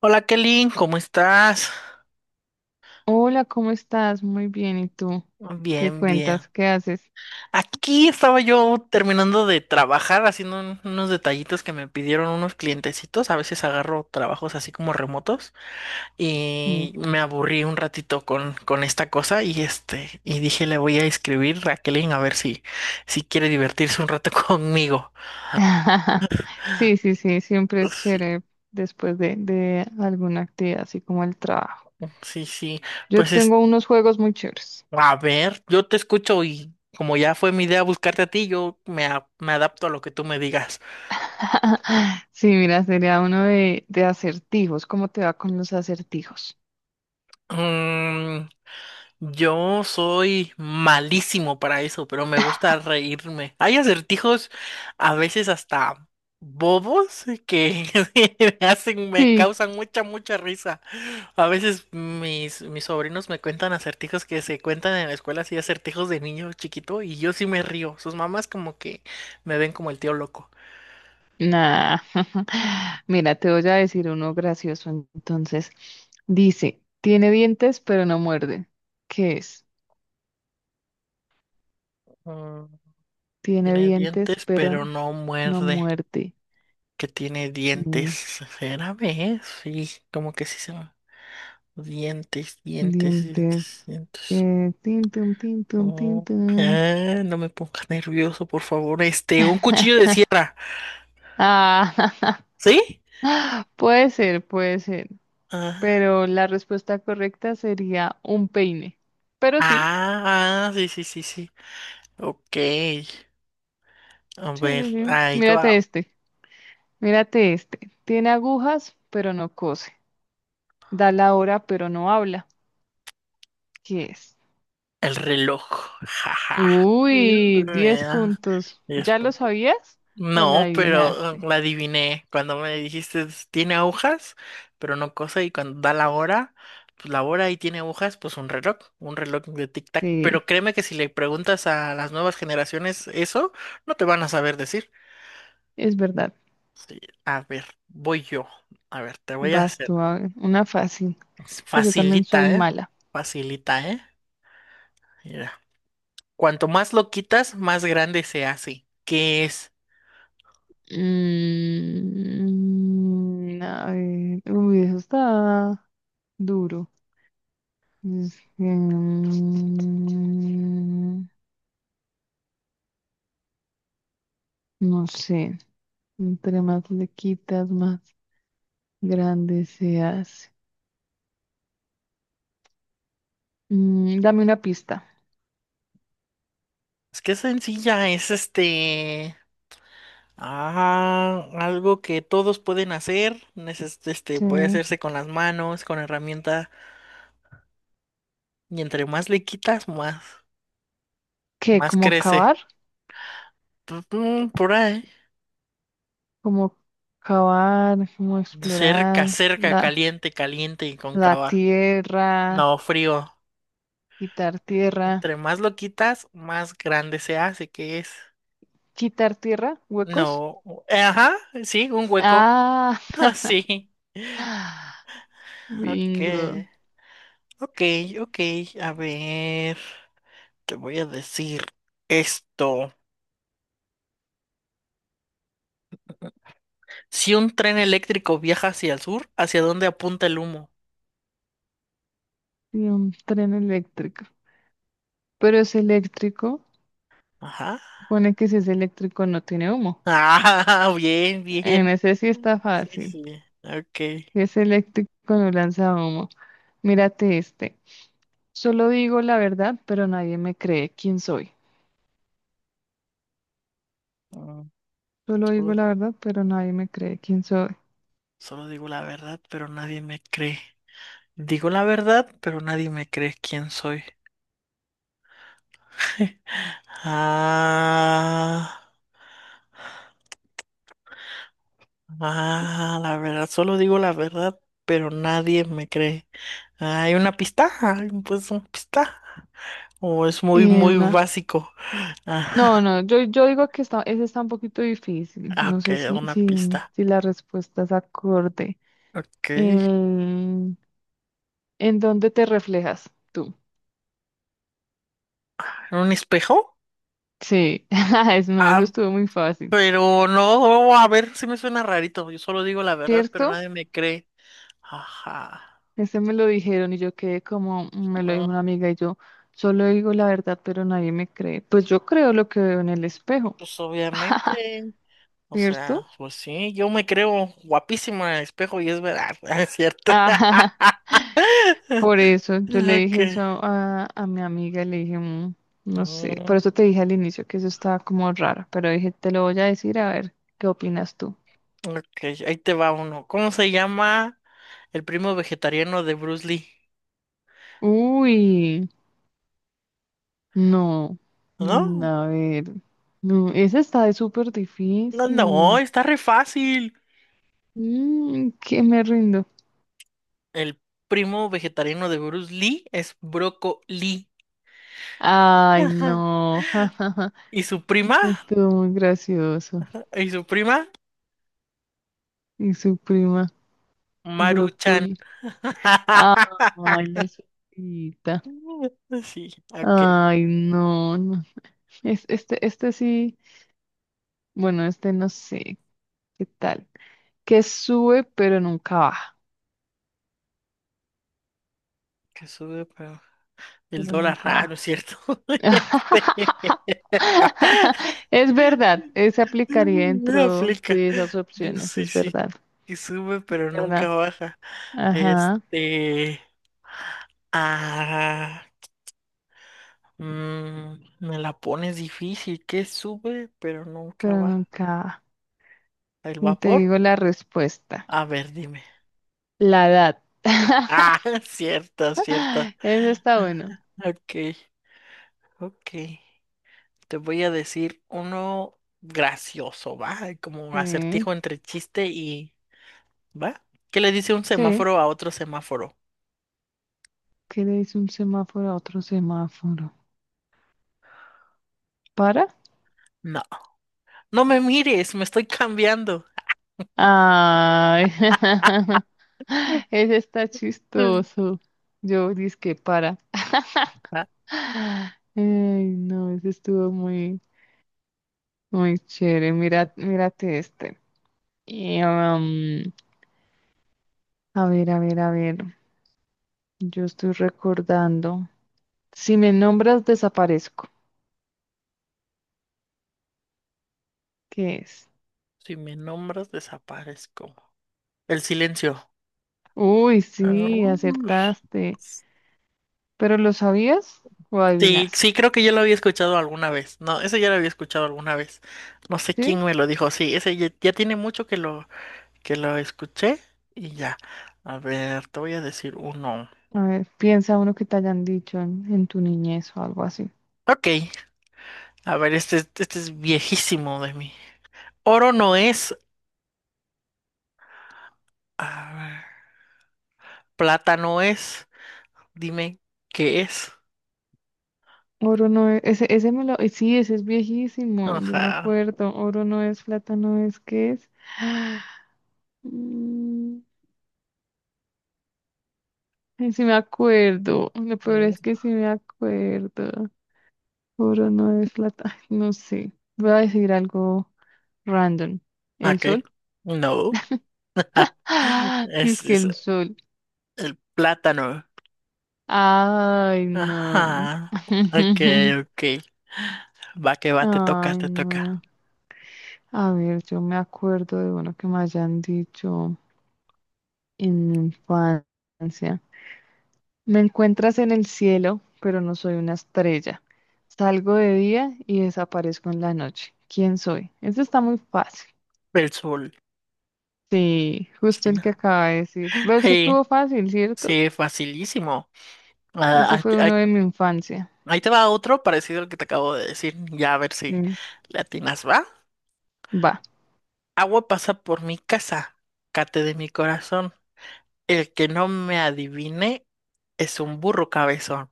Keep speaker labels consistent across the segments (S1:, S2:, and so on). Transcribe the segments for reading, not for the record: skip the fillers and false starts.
S1: Hola Kelly, ¿cómo estás?
S2: Hola, ¿cómo estás? Muy bien, ¿y tú? ¿Qué
S1: Bien, bien.
S2: cuentas? ¿Qué haces?
S1: Aquí estaba yo terminando de trabajar, haciendo unos detallitos que me pidieron unos clientecitos. A veces agarro trabajos así como remotos
S2: Sí,
S1: y me aburrí un ratito con esta cosa y este, y dije le voy a escribir a Kelly a ver si, si quiere divertirse un rato conmigo.
S2: sí, sí, sí, siempre es
S1: Sí,
S2: chévere después de alguna actividad, así como el trabajo.
S1: sí, sí.
S2: Yo
S1: Pues es,
S2: tengo unos juegos muy chéveres.
S1: a ver, yo te escucho y como ya fue mi idea buscarte a ti, me adapto a lo que tú me digas.
S2: Sí, mira, sería uno de acertijos. ¿Cómo te va con los acertijos?
S1: Mm, yo soy malísimo para eso, pero me gusta reírme. Hay acertijos a veces hasta bobos que me
S2: Sí.
S1: causan mucha risa. A veces mis sobrinos me cuentan acertijos que se cuentan en la escuela, así acertijos de niño chiquito, y yo sí me río. Sus mamás como que me ven como el tío loco.
S2: Nah. Mira, te voy a decir uno gracioso. Entonces, dice, tiene dientes pero no muerde. ¿Qué es?
S1: Mm,
S2: Tiene
S1: tiene
S2: dientes,
S1: dientes,
S2: pero
S1: pero no
S2: no
S1: muerde.
S2: muerte.
S1: Que tiene dientes.
S2: Mm,
S1: ¿Será vez? Sí, como que sí se llama. Dientes, dientes,
S2: Dientes.
S1: dientes, dientes.
S2: Tin, tum, tin, tum, tin,
S1: Oh,
S2: tum.
S1: ah, no me pongas nervioso, por favor. Este, un cuchillo de sierra.
S2: Ah,
S1: ¿Sí?
S2: puede ser, puede ser.
S1: Ah,
S2: Pero la respuesta correcta sería un peine. Pero sí,
S1: ah, sí, sí, sí, sí. Ok. A
S2: sí,
S1: ver,
S2: sí, sí.
S1: ahí va.
S2: Mírate este, mírate este. Tiene agujas, pero no cose. Da la hora, pero no habla. ¿Qué es?
S1: El reloj. Jaja.
S2: Uy, 10 puntos.
S1: 10.
S2: ¿Ya lo sabías? ¿O la
S1: No, pero
S2: adivinaste?
S1: la adiviné. Cuando me dijiste, tiene agujas, pero no cosa, y cuando da la hora, pues la hora y tiene agujas, pues un reloj de tic-tac. Pero
S2: Sí,
S1: créeme que si le preguntas a las nuevas generaciones eso, no te van a saber decir.
S2: es verdad.
S1: Sí, a ver, voy yo. A ver, te voy a
S2: Vas
S1: hacer.
S2: tú, a ver, una fácil, que yo también soy
S1: Facilita, ¿eh?
S2: mala.
S1: Facilita, ¿eh? Mira. Cuanto más lo quitas, más grande se hace. ¿Qué es?
S2: A ver, uy, eso está duro. Es que, no sé, entre más le quitas, más grande se hace. Dame una pista.
S1: Es que es sencilla, es este. Ah, algo que todos pueden hacer, este
S2: Sí.
S1: puede hacerse con las manos, con herramienta, y entre más le quitas, más,
S2: ¿Qué?
S1: más
S2: ¿Como cavar?
S1: crece. Por ahí.
S2: ¿Como cavar? ¿Como
S1: Cerca,
S2: explorar
S1: cerca,
S2: la,
S1: caliente, caliente y
S2: la
S1: cóncava.
S2: tierra?
S1: No, frío.
S2: Quitar tierra.
S1: Entre más lo quitas, más grande se hace, ¿qué es?
S2: ¿Quitar tierra? ¿Huecos?
S1: No, ajá, sí, un hueco.
S2: Ah,
S1: Ah, sí. Ok,
S2: bingo.
S1: ok, ok. A ver, te voy a decir esto. Si un tren eléctrico viaja hacia el sur, ¿hacia dónde apunta el humo?
S2: Y un tren eléctrico. Pero es eléctrico.
S1: Ajá.
S2: Pone que si es eléctrico no tiene humo.
S1: Ah, bien,
S2: En
S1: bien.
S2: ese sí está
S1: Sí,
S2: fácil.
S1: sí. Ok.
S2: Si es eléctrico no lanza humo. Mírate este. Solo digo la verdad, pero nadie me cree quién soy.
S1: Mm,
S2: Solo digo
S1: Solo,
S2: la verdad, pero nadie me cree quién soy.
S1: solo digo la verdad, pero nadie me cree. Digo la verdad, pero nadie me cree quién soy. Ah, ah, la verdad, solo digo la verdad, pero nadie me cree. ¿Hay una pista? ¿Hay pues una pista? ¿O es muy, muy
S2: Una
S1: básico?
S2: No,
S1: Ajá.
S2: no, yo digo que está, ese está un poquito difícil.
S1: Ah,
S2: No
S1: ok,
S2: sé si,
S1: una
S2: si,
S1: pista.
S2: si la respuesta es acorde.
S1: Ok.
S2: El- ¿En dónde te reflejas tú?
S1: ¿Un espejo?
S2: Sí, no, eso
S1: Ah,
S2: estuvo muy fácil.
S1: pero no, a ver, sí me suena rarito. Yo solo digo la verdad, pero
S2: ¿Cierto?
S1: nadie me cree. Ajá.
S2: Ese me lo dijeron y yo quedé como me lo
S1: Mm,
S2: dijo una amiga y yo solo digo la verdad, pero nadie me cree. Pues yo creo lo que veo en el espejo,
S1: Pues obviamente. O sea,
S2: ¿cierto?
S1: pues sí, yo me creo guapísimo en el espejo y es verdad, es cierto.
S2: Por eso yo le
S1: Ok.
S2: dije eso a mi amiga, le dije, " no sé,
S1: Mm,
S2: por eso te dije al inicio que eso estaba como raro, pero dije, te lo voy a decir a ver qué opinas tú.
S1: ok, ahí te va uno. ¿Cómo se llama el primo vegetariano de Bruce Lee?
S2: Uy, no,
S1: No,
S2: a ver, no, esa está de súper
S1: no, no,
S2: difícil.
S1: está re fácil.
S2: Que me rindo.
S1: El primo vegetariano de Bruce Lee es Broco Lee.
S2: Ay, no,
S1: Y su prima,
S2: estuvo muy gracioso.
S1: y su prima,
S2: Y su prima,
S1: Maruchan.
S2: brócoli. Ay, la sopita.
S1: Sí, ok.
S2: Ay, no, no. Es, este sí, bueno, este no sé qué tal. Que sube, pero nunca baja.
S1: Que sube pero el
S2: Pero
S1: dólar.
S2: nunca
S1: Ah, no
S2: baja.
S1: es cierto. Este,
S2: Es verdad, se aplicaría
S1: no
S2: dentro
S1: aplica.
S2: de esas opciones,
S1: Sí,
S2: es
S1: sí.
S2: verdad,
S1: Que sube
S2: es
S1: pero nunca
S2: verdad.
S1: baja.
S2: Ajá,
S1: Este. Ah. Mm, me la pones difícil. Que sube pero nunca
S2: pero
S1: baja.
S2: nunca.
S1: El
S2: Ni te
S1: vapor.
S2: digo la respuesta,
S1: A ver, dime.
S2: la edad.
S1: Ah, cierta, cierta.
S2: Eso está bueno.
S1: Ok, ok. Te voy a decir uno gracioso, ¿va? Como
S2: Sí,
S1: acertijo entre chiste y... ¿Va? ¿Qué le dice un
S2: sí.
S1: semáforo a otro semáforo?
S2: ¿Qué le dice un semáforo a otro semáforo? ¿Para?
S1: No, no me mires, me estoy cambiando.
S2: Ay, ese está
S1: Mm.
S2: chistoso. Yo dizque para.
S1: ¿Va?
S2: Ay, no, ese estuvo muy, muy chévere. Mira, mírate este. Y, a ver, a ver, a ver. Yo estoy recordando. Si me nombras, desaparezco. ¿Qué es?
S1: Si me nombras, desaparezco. El silencio.
S2: Uy,
S1: Ah,
S2: sí,
S1: ush.
S2: acertaste. ¿Pero lo sabías o
S1: Sí, sí,
S2: adivinaste?
S1: creo que yo lo había escuchado alguna vez. No, ese ya lo había escuchado alguna vez. No sé
S2: ¿Sí?
S1: quién me lo dijo. Sí, ese ya, ya tiene mucho que lo escuché y ya. A ver, te voy a decir uno.
S2: A ver, piensa uno que te hayan dicho en tu niñez o algo así.
S1: Ok, a ver, este es viejísimo de mí. Oro no es, a ver, plata no es. Dime, ¿qué es?
S2: Oro no es, ese me lo, sí, ese es viejísimo, yo me
S1: Ajá.
S2: acuerdo, oro no es, plata no es, ¿qué es? Mm, sí me acuerdo, lo peor
S1: Mm,
S2: es que sí me acuerdo, oro no es, plata, ay, no sé, voy a decir algo random, ¿el
S1: ok,
S2: sol?
S1: no.
S2: Dice
S1: Es,
S2: que
S1: es
S2: el sol,
S1: el plátano.
S2: ay no,
S1: Ajá. Ok, ok. Va que va, te toca,
S2: ay
S1: te toca.
S2: no, a ver, yo me acuerdo de uno que me hayan dicho en mi infancia. Me encuentras en el cielo, pero no soy una estrella. Salgo de día y desaparezco en la noche. ¿Quién soy? Eso está muy fácil.
S1: El sol.
S2: Sí, justo
S1: Sí,
S2: el que acaba de decir. Pero eso
S1: sí,
S2: estuvo fácil, ¿cierto?
S1: sí, facilísimo.
S2: Ese
S1: Ah,
S2: fue uno
S1: aquí,
S2: de mi infancia.
S1: ahí te va otro parecido al que te acabo de decir. Ya a ver si
S2: Sí,
S1: le atinas, ¿va?
S2: va.
S1: Agua pasa por mi casa, cate de mi corazón. El que no me adivine es un burro cabezón.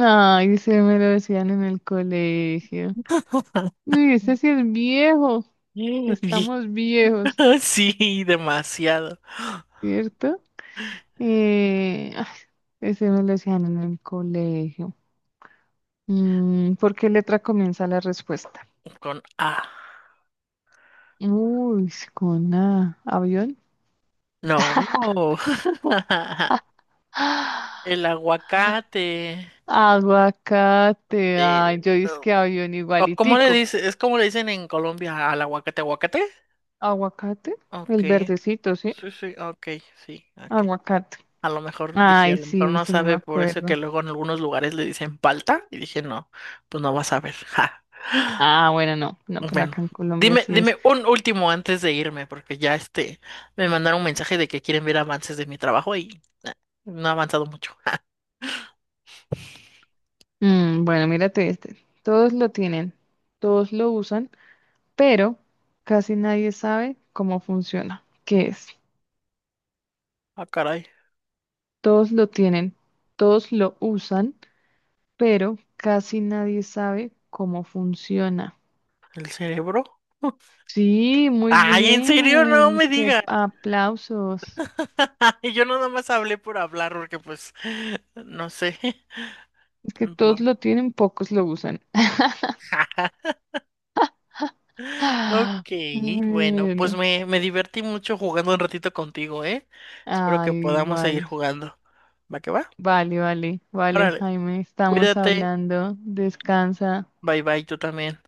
S2: Ay, se me lo decían en el colegio. Uy, ese sí es viejo.
S1: Mm, y-
S2: Estamos viejos,
S1: Sí, demasiado.
S2: ¿cierto? Eh, ah, ese me lo decían en el colegio. ¿Por qué letra comienza la respuesta?
S1: Con A.
S2: Uy, con A. ¿Avión?
S1: No.
S2: ¡Ah!
S1: El aguacate.
S2: Aguacate. Ay, yo dije
S1: El-
S2: que avión
S1: ¿O cómo le
S2: igualitico.
S1: dice? ¿Es como le dicen en Colombia al aguacate, aguacate?
S2: ¿Aguacate?
S1: Ok.
S2: El verdecito, ¿sí?
S1: Sí, sí, ok, sí, ok.
S2: Aguacate.
S1: A lo mejor dije, a
S2: Ay,
S1: lo mejor
S2: sí,
S1: no
S2: sí me
S1: sabe por eso que
S2: acuerdo.
S1: luego en algunos lugares le dicen palta. Y dije, no, pues no va a saber. Ja.
S2: Ah, bueno, no, no, pero
S1: Bueno,
S2: acá en Colombia
S1: dime,
S2: sí es.
S1: dime un último antes de irme, porque ya este me mandaron un mensaje de que quieren ver avances de mi trabajo y no ha avanzado mucho. Ja.
S2: Bueno, mírate este. Todos lo tienen, todos lo usan, pero casi nadie sabe cómo funciona. ¿Qué es?
S1: Ah, caray,
S2: Todos lo tienen, todos lo usan, pero casi nadie sabe cómo funciona.
S1: el cerebro.
S2: Sí, muy
S1: Ay, en serio, no
S2: bien. Es
S1: me
S2: que
S1: digas.
S2: aplausos.
S1: Yo nada más hablé por hablar, porque pues, no sé.
S2: Es que
S1: Bu-
S2: todos lo tienen, pocos lo usan. Ah,
S1: Ok, bueno, pues
S2: bueno.
S1: me divertí mucho jugando un ratito contigo, ¿eh? Espero que
S2: Ay,
S1: podamos seguir
S2: igual.
S1: jugando. ¿Va que va?
S2: Vale, vale, vale,
S1: Órale,
S2: Jaime, estamos
S1: cuídate,
S2: hablando. Descansa.
S1: bye bye, tú también.